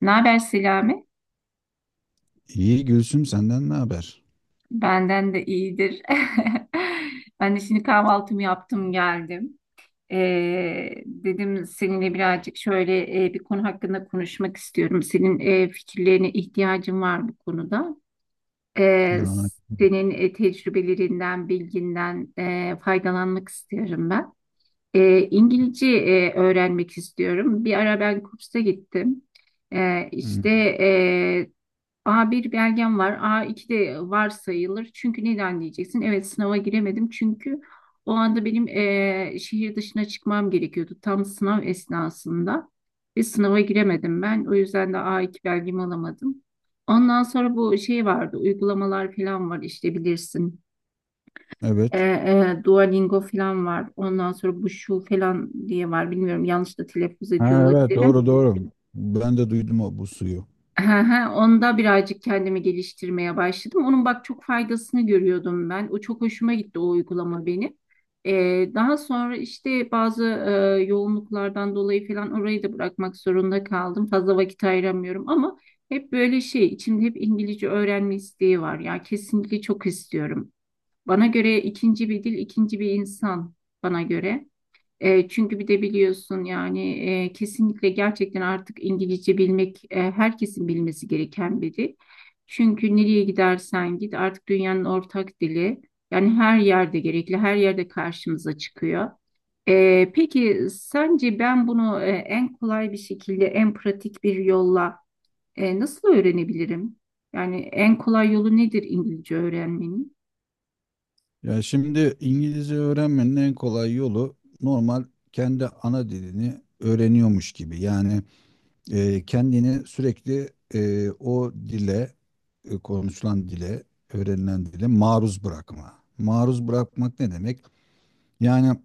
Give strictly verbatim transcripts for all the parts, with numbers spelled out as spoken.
Ne haber Selami? İyi Gülsüm senden ne haber? Benden de iyidir. Ben de şimdi kahvaltımı yaptım geldim. Ee, dedim seninle birazcık şöyle e, bir konu hakkında konuşmak istiyorum. Senin e, fikirlerine ihtiyacım var bu konuda. Ya, Ee, senin e, tecrübelerinden, bilginden e, faydalanmak istiyorum ben. Ee, İngilizce e, öğrenmek istiyorum. Bir ara ben kursa gittim. Ee, işte hı, e, a bir belgem var. A iki de var sayılır. Çünkü neden diyeceksin? Evet sınava giremedim. Çünkü o anda benim eee, şehir dışına çıkmam gerekiyordu. Tam sınav esnasında. Ve sınava giremedim ben. O yüzden de a iki belgemi alamadım. Ondan sonra bu şey vardı. Uygulamalar falan var işte bilirsin. Eee, evet. eee, Duolingo falan var. Ondan sonra bu şu falan diye var. Bilmiyorum yanlış da telaffuz ediyor Ha, evet olabilirim. doğru doğru. Ben de duydum o bu suyu. Hı hı, onda birazcık kendimi geliştirmeye başladım. Onun bak çok faydasını görüyordum ben. O çok hoşuma gitti o uygulama benim. Ee, daha sonra işte bazı e, yoğunluklardan dolayı falan orayı da bırakmak zorunda kaldım. Fazla vakit ayıramıyorum ama hep böyle şey içimde hep İngilizce öğrenme isteği var. Ya kesinlikle çok istiyorum. Bana göre ikinci bir dil, ikinci bir insan bana göre. E, çünkü bir de biliyorsun yani e, kesinlikle gerçekten artık İngilizce bilmek e, herkesin bilmesi gereken bir dil. Çünkü nereye gidersen git artık dünyanın ortak dili. Yani her yerde gerekli, her yerde karşımıza çıkıyor. E, peki sence ben bunu e, en kolay bir şekilde, en pratik bir yolla e, nasıl öğrenebilirim? Yani en kolay yolu nedir İngilizce öğrenmenin? Ya şimdi İngilizce öğrenmenin en kolay yolu normal kendi ana dilini öğreniyormuş gibi. Yani e, kendini sürekli e, o dile e, konuşulan dile, öğrenilen dile maruz bırakma. Maruz bırakmak ne demek? Yani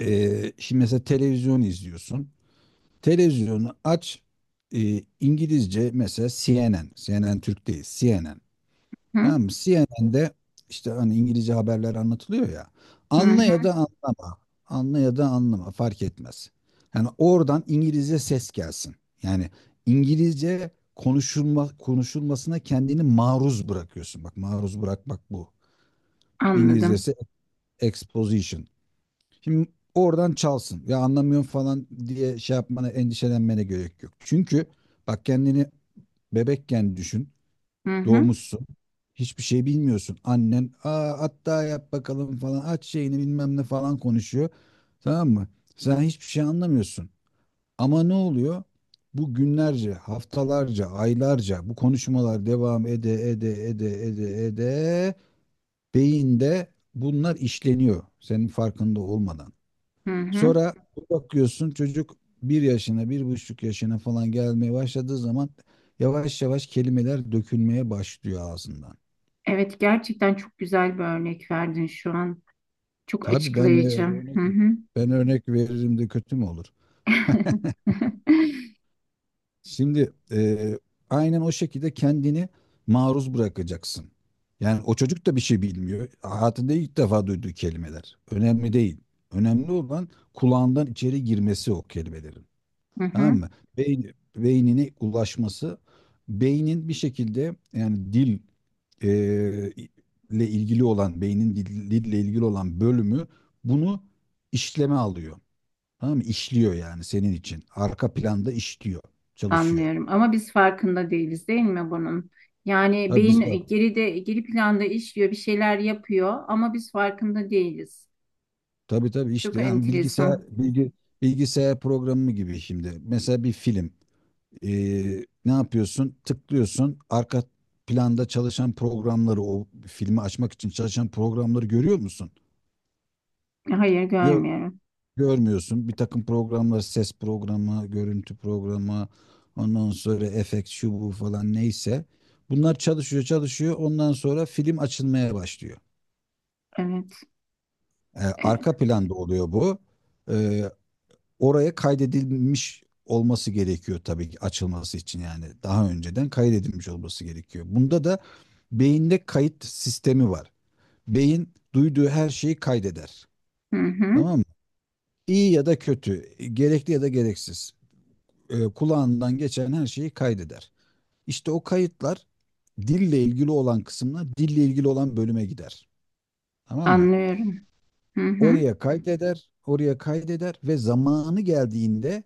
e, şimdi mesela televizyon izliyorsun. Televizyonu aç. e, İngilizce mesela C N N. CNN Türk değil. CNN. Hı Tamam mı? C N N'de işte hani İngilizce haberler anlatılıyor ya. hı, Anla ya hı. da anlama. Anla ya da anlama. Fark etmez. Yani oradan İngilizce ses gelsin. Yani İngilizce konuşulma, konuşulmasına kendini maruz bırakıyorsun. Bak maruz bırakmak bu. Anladım. İngilizcesi exposition. Şimdi oradan çalsın. Ya anlamıyorum falan diye şey yapmana, endişelenmene gerek yok. Çünkü bak kendini bebekken düşün. Hı hı, Doğmuşsun. Hiçbir şey bilmiyorsun. Annen Aa, hatta yap bakalım falan aç şeyini bilmem ne falan konuşuyor. Tamam mı? Sen hiçbir şey anlamıyorsun. Ama ne oluyor? Bu günlerce, haftalarca, aylarca bu konuşmalar devam ede ede ede ede ede beyinde bunlar işleniyor senin farkında olmadan. hı hı. Sonra bakıyorsun çocuk bir yaşına, bir buçuk yaşına falan gelmeye başladığı zaman yavaş yavaş kelimeler dökülmeye başlıyor ağzından. Evet gerçekten çok güzel bir örnek verdin şu an. Çok Tabii ben e, açıklayıcı. Hı örnek hı. ben örnek veririm de kötü mü olur? Şimdi e, aynen o şekilde kendini maruz bırakacaksın. Yani o çocuk da bir şey bilmiyor. Hayatında ilk defa duyduğu kelimeler. Önemli değil. Önemli olan kulağından içeri girmesi o kelimelerin. Hı hı. Tamam mı? Beyn, beynine ulaşması beynin bir şekilde yani dil e, ile ilgili olan beynin dil- dille ilgili olan bölümü bunu işleme alıyor. Tamam mı? İşliyor yani senin için. Arka planda işliyor, çalışıyor. Anlıyorum ama biz farkında değiliz değil mi bunun? Yani Tabii beyin biz bak geride geri planda işliyor, bir şeyler yapıyor ama biz farkında değiliz. tabii tabii Çok işte yani bilgisayar enteresan. bilgi bilgisayar programı gibi şimdi. Mesela bir film. Ee, ne yapıyorsun? Tıklıyorsun. Arka planda çalışan programları, o filmi açmak için çalışan programları görüyor musun? Hayır Gör, görmüyorum. görmüyorsun. Bir takım programlar, ses programı, görüntü programı, ondan sonra efekt şu bu falan neyse. Bunlar çalışıyor, çalışıyor. Ondan sonra film açılmaya başlıyor. Evet. Ee, E, arka planda oluyor bu. Ee, oraya kaydedilmiş olması gerekiyor tabii ki açılması için yani daha önceden kaydedilmiş olması gerekiyor. Bunda da beyinde kayıt sistemi var. Beyin duyduğu her şeyi kaydeder. hı hı. Tamam mı? İyi ya da kötü, gerekli ya da gereksiz. e, kulağından geçen her şeyi kaydeder. İşte o kayıtlar dille ilgili olan kısımla dille ilgili olan bölüme gider. Tamam mı? Anlıyorum. Hı hı. Oraya kaydeder, oraya kaydeder ve zamanı geldiğinde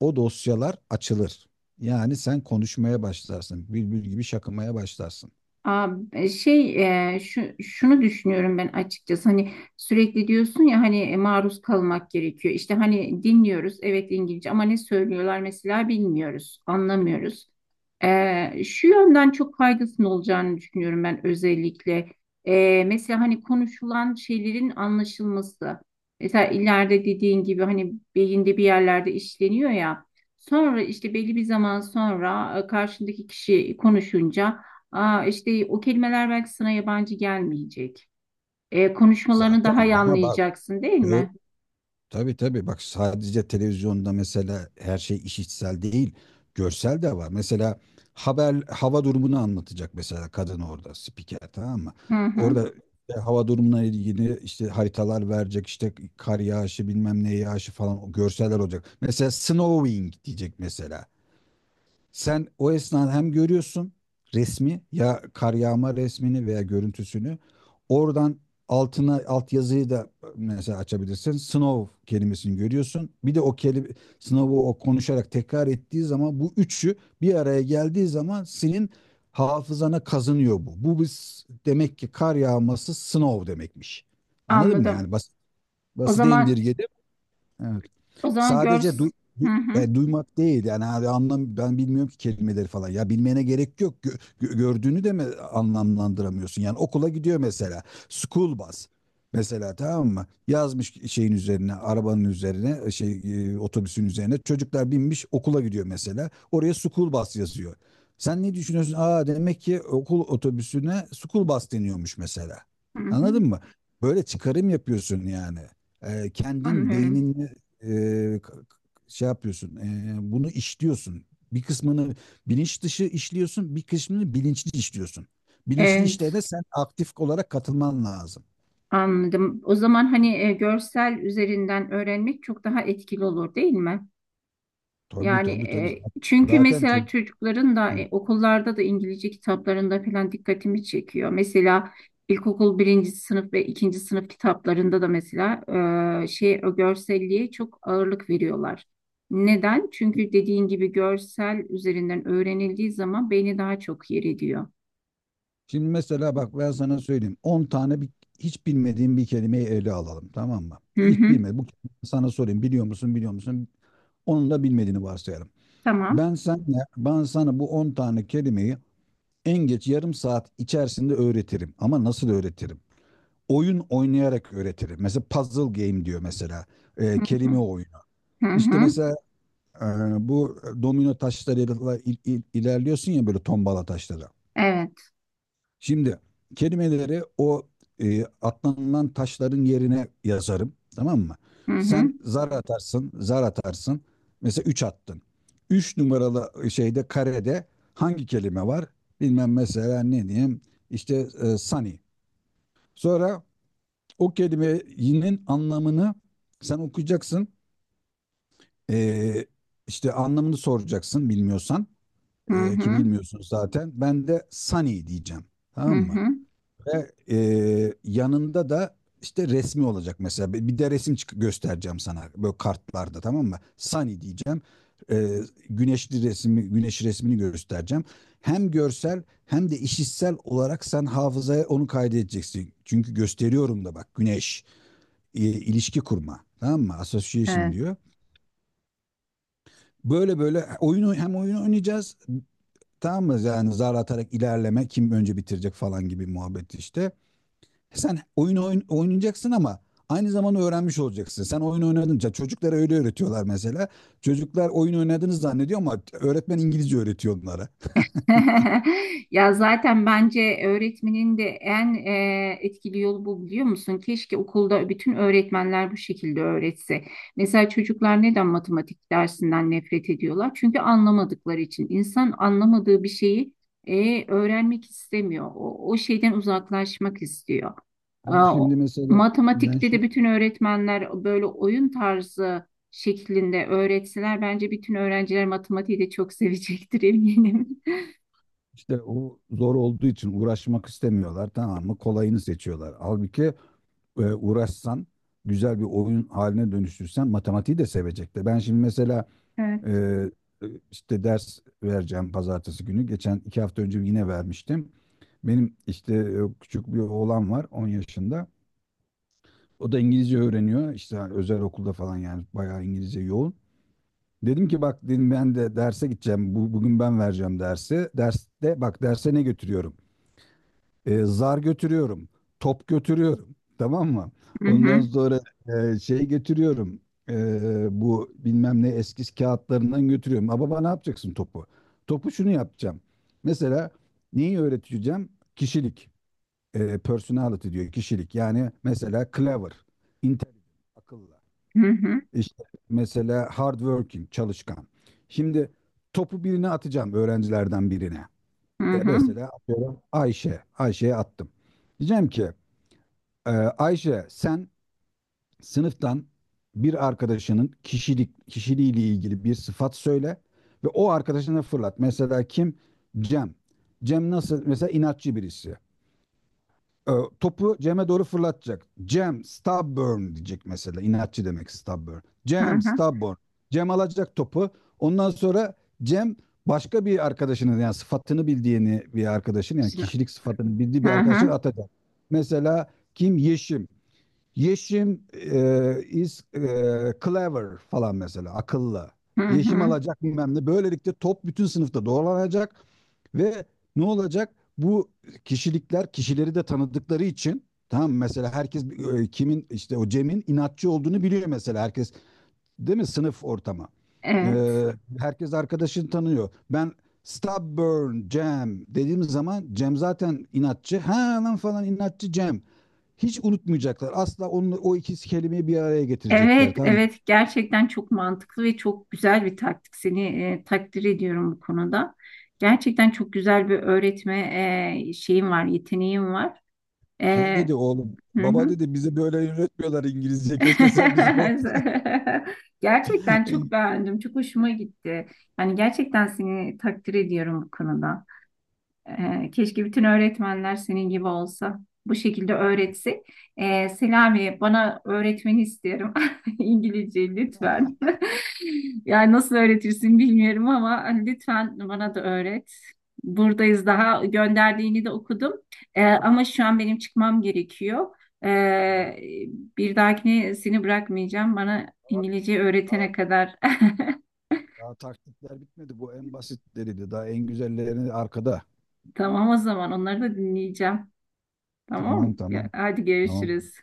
o dosyalar açılır. Yani sen konuşmaya başlarsın. Bülbül gibi şakımaya başlarsın. Aa, e, şey e, şu, şunu düşünüyorum ben açıkçası hani sürekli diyorsun ya hani e, maruz kalmak gerekiyor. İşte hani dinliyoruz evet İngilizce ama ne söylüyorlar mesela bilmiyoruz anlamıyoruz. Ee, şu yönden çok faydasının olacağını düşünüyorum ben özellikle. Ee, mesela hani konuşulan şeylerin anlaşılması mesela ileride dediğin gibi hani beyinde bir yerlerde işleniyor ya sonra işte belli bir zaman sonra e, karşındaki kişi konuşunca aa, işte o kelimeler belki sana yabancı gelmeyecek. E, konuşmalarını Zaten daha iyi ama bak anlayacaksın değil ö- mi? tabii tabii bak sadece televizyonda mesela her şey işitsel değil görsel de var. Mesela haber hava durumunu anlatacak mesela kadın orada spiker tamam mı? Hı hı, Orada işte hava durumuna ilgili işte haritalar verecek işte kar yağışı bilmem ne yağışı falan o görseller olacak. Mesela snowing diyecek mesela. Sen o esnada hem görüyorsun resmi ya kar yağma resmini veya görüntüsünü oradan altına alt yazıyı da mesela açabilirsin. Snow kelimesini görüyorsun. Bir de o kelime Snow'u o konuşarak tekrar ettiği zaman bu üçü bir araya geldiği zaman senin hafızana kazınıyor bu. Bu biz demek ki kar yağması snow demekmiş. Anladın mı? anladım. Yani basit, O basite zaman indirgedim. Evet. o zaman Sadece görs. du- Hı du- hı, e, duymak değil yani hani anlam ben bilmiyorum ki kelimeleri falan ya bilmene gerek yok. Gö- gö- gördüğünü de mi anlamlandıramıyorsun yani okula gidiyor mesela school bus mesela tamam mı yazmış şeyin üzerine arabanın üzerine e, şey e, otobüsün üzerine çocuklar binmiş okula gidiyor mesela oraya school bus yazıyor sen ne düşünüyorsun aa demek ki okul otobüsüne school bus deniyormuş mesela hı hı, anladın mı böyle çıkarım yapıyorsun yani e, kendin anlıyorum. beynin e, şey yapıyorsun, e, bunu işliyorsun. Bir kısmını bilinç dışı işliyorsun, bir kısmını bilinçli işliyorsun. Bilinçli işlerde Evet, de sen aktif olarak katılman lazım. anladım. O zaman hani e, görsel üzerinden öğrenmek çok daha etkili olur değil mi? Tabii Yani tabii tabii. e, çünkü Zaten çok. mesela çocukların da e, okullarda da İngilizce kitaplarında falan dikkatimi çekiyor. Mesela ilkokul birinci sınıf ve ikinci sınıf kitaplarında da mesela e, şey o görselliğe çok ağırlık veriyorlar. Neden? Çünkü dediğin gibi görsel üzerinden öğrenildiği zaman beyni daha çok yer ediyor. Şimdi mesela bak ben sana söyleyeyim. On tane bir, hiç bilmediğim bir kelimeyi ele alalım tamam mı? Hı Hiç hı. bilmedi. Bu kelimeyi sana sorayım. Biliyor musun, biliyor musun? Onun da bilmediğini varsayalım. Tamam. Ben sana, ben sana bu on tane kelimeyi en geç yarım saat içerisinde öğretirim. Ama nasıl öğretirim? Oyun oynayarak öğretirim. Mesela puzzle game diyor mesela. E, Hı hı. kelime oyunu. Hı İşte hı. mesela e, bu domino taşlarıyla il- il- ilerliyorsun ya böyle tombala taşları. Evet. Şimdi kelimeleri o e, atlanılan taşların yerine yazarım. Tamam mı? Hı Sen hı. zar atarsın, zar atarsın. Mesela üç attın. Üç numaralı şeyde karede hangi kelime var? Bilmem mesela ne diyeyim? İşte e, sunny. Sonra o kelimenin anlamını sen okuyacaksın. Ee, işte anlamını soracaksın bilmiyorsan, Hı Ee, ki hı. bilmiyorsun zaten. Ben de sunny diyeceğim. Hı Tamam mı? hı. Ve ee, yanında da işte resmi olacak mesela. Bir bir de resim çık- göstereceğim sana böyle kartlarda tamam mı? Sunny diyeceğim. Ee, güneşli resmi, güneş resmini göstereceğim. Hem görsel hem de işitsel olarak sen hafızaya onu kaydedeceksin. Çünkü gösteriyorum da bak güneş e, ilişki kurma. Tamam mı? Association Evet. diyor. Böyle böyle oyunu hem oyunu oynayacağız. Tamam mı? Yani zar atarak ilerleme kim önce bitirecek falan gibi muhabbet işte. Sen oyunu oyn- oynayacaksın ama aynı zamanda öğrenmiş olacaksın. Sen oyun oynadınca çocuklara öyle öğretiyorlar mesela. Çocuklar oyun oynadığını zannediyor ama öğretmen İngilizce öğretiyor onlara. Ya zaten bence öğretmenin de en e, etkili yolu bu biliyor musun? Keşke okulda bütün öğretmenler bu şekilde öğretse. Mesela çocuklar neden matematik dersinden nefret ediyorlar? Çünkü anlamadıkları için. İnsan anlamadığı bir şeyi e, öğrenmek istemiyor. O, o şeyden uzaklaşmak istiyor. Ben Aa, şimdi o- mesela ben matematikte de şimdi bütün öğretmenler böyle oyun tarzı şeklinde öğretseler bence bütün öğrenciler matematiği de çok sevecektir eminim. işte o zor olduğu için uğraşmak istemiyorlar tamam mı? Kolayını seçiyorlar. Halbuki e, uğraşsan, güzel bir oyun haline dönüştürsen matematiği de sevecekler. Ben şimdi mesela Evet. e, işte ders vereceğim pazartesi günü. Geçen iki hafta önce yine vermiştim. Benim işte e, küçük bir oğlan var on yaşında. O da İngilizce öğreniyor. İşte özel okulda falan yani bayağı İngilizce yoğun. Dedim ki bak dedim ben de derse gideceğim. Bu, bugün ben vereceğim dersi. Derste bak derse ne götürüyorum? E, zar götürüyorum. Top götürüyorum. Tamam mı? Hı Ondan hı. sonra e, şey götürüyorum. E, bu bilmem ne eski kağıtlarından götürüyorum. Ama baba ne yapacaksın topu? Topu şunu yapacağım. Mesela neyi öğreteceğim? Kişilik. E, personality diyor kişilik. Yani mesela clever, intelligent, akıllı. Hı hı. İşte mesela hardworking, çalışkan. Şimdi topu birine atacağım öğrencilerden birine. Hı E, hı. mesela atıyorum Ayşe. Ayşe'ye attım. Diyeceğim ki e, Ayşe sen sınıftan bir arkadaşının kişilik kişiliğiyle ilgili bir sıfat söyle ve o arkadaşına fırlat. Mesela kim? Cem. Cem nasıl? Mesela inatçı birisi e, topu Cem'e doğru fırlatacak. Cem stubborn diyecek mesela. İnatçı demek stubborn. Hı Cem hı. stubborn. Cem alacak topu. Ondan sonra Cem başka bir arkadaşının yani sıfatını bildiğini bir arkadaşın yani Şimdi. kişilik sıfatını bildiği Hı bir arkadaşın hı. atacak. Mesela kim? Yeşim. Yeşim e, is e, clever falan mesela akıllı. Hı Yeşim hı. alacak bilmem ne. Böylelikle top bütün sınıfta dolanacak ve ne olacak? Bu kişilikler kişileri de tanıdıkları için tamam mı? Mesela herkes e, kimin işte o Cem'in inatçı olduğunu biliyor mesela herkes değil mi sınıf ortamı. E, Evet. herkes arkadaşını tanıyor. Ben stubborn Cem dediğim zaman Cem zaten inatçı. Ha lan falan inatçı Cem. Hiç unutmayacaklar. Asla onu, o iki kelimeyi bir araya getirecekler. Evet, Tamam. evet. Gerçekten çok mantıklı ve çok güzel bir taktik. Seni e, takdir ediyorum bu konuda. Gerçekten çok güzel bir öğretme e, şeyim var, yeteneğim var. Şey E, dedi oğlum. hı Baba hı. dedi bize böyle öğretmiyorlar İngilizce. Keşke sen bize Gerçekten çok beğendim. Çok hoşuma gitti. Yani gerçekten seni takdir ediyorum bu konuda. Ee, keşke bütün öğretmenler senin gibi olsa. Bu şekilde öğretse. Ee, Selami bana öğretmeni istiyorum. İngilizce lütfen. Yani nasıl öğretirsin bilmiyorum ama lütfen bana da öğret. Buradayız daha gönderdiğini de okudum. Ee, ama şu an benim çıkmam gerekiyor. Tamam. Ee, bir dahakine seni bırakmayacağım. Bana Abi İngilizce daha, öğretene kadar. daha taktikler bitmedi. Bu en basitleriydi. Daha en güzellerini arkada. Tamam o zaman onları da dinleyeceğim. Tamam Tamam mı? tamam. Hadi Tamam. görüşürüz.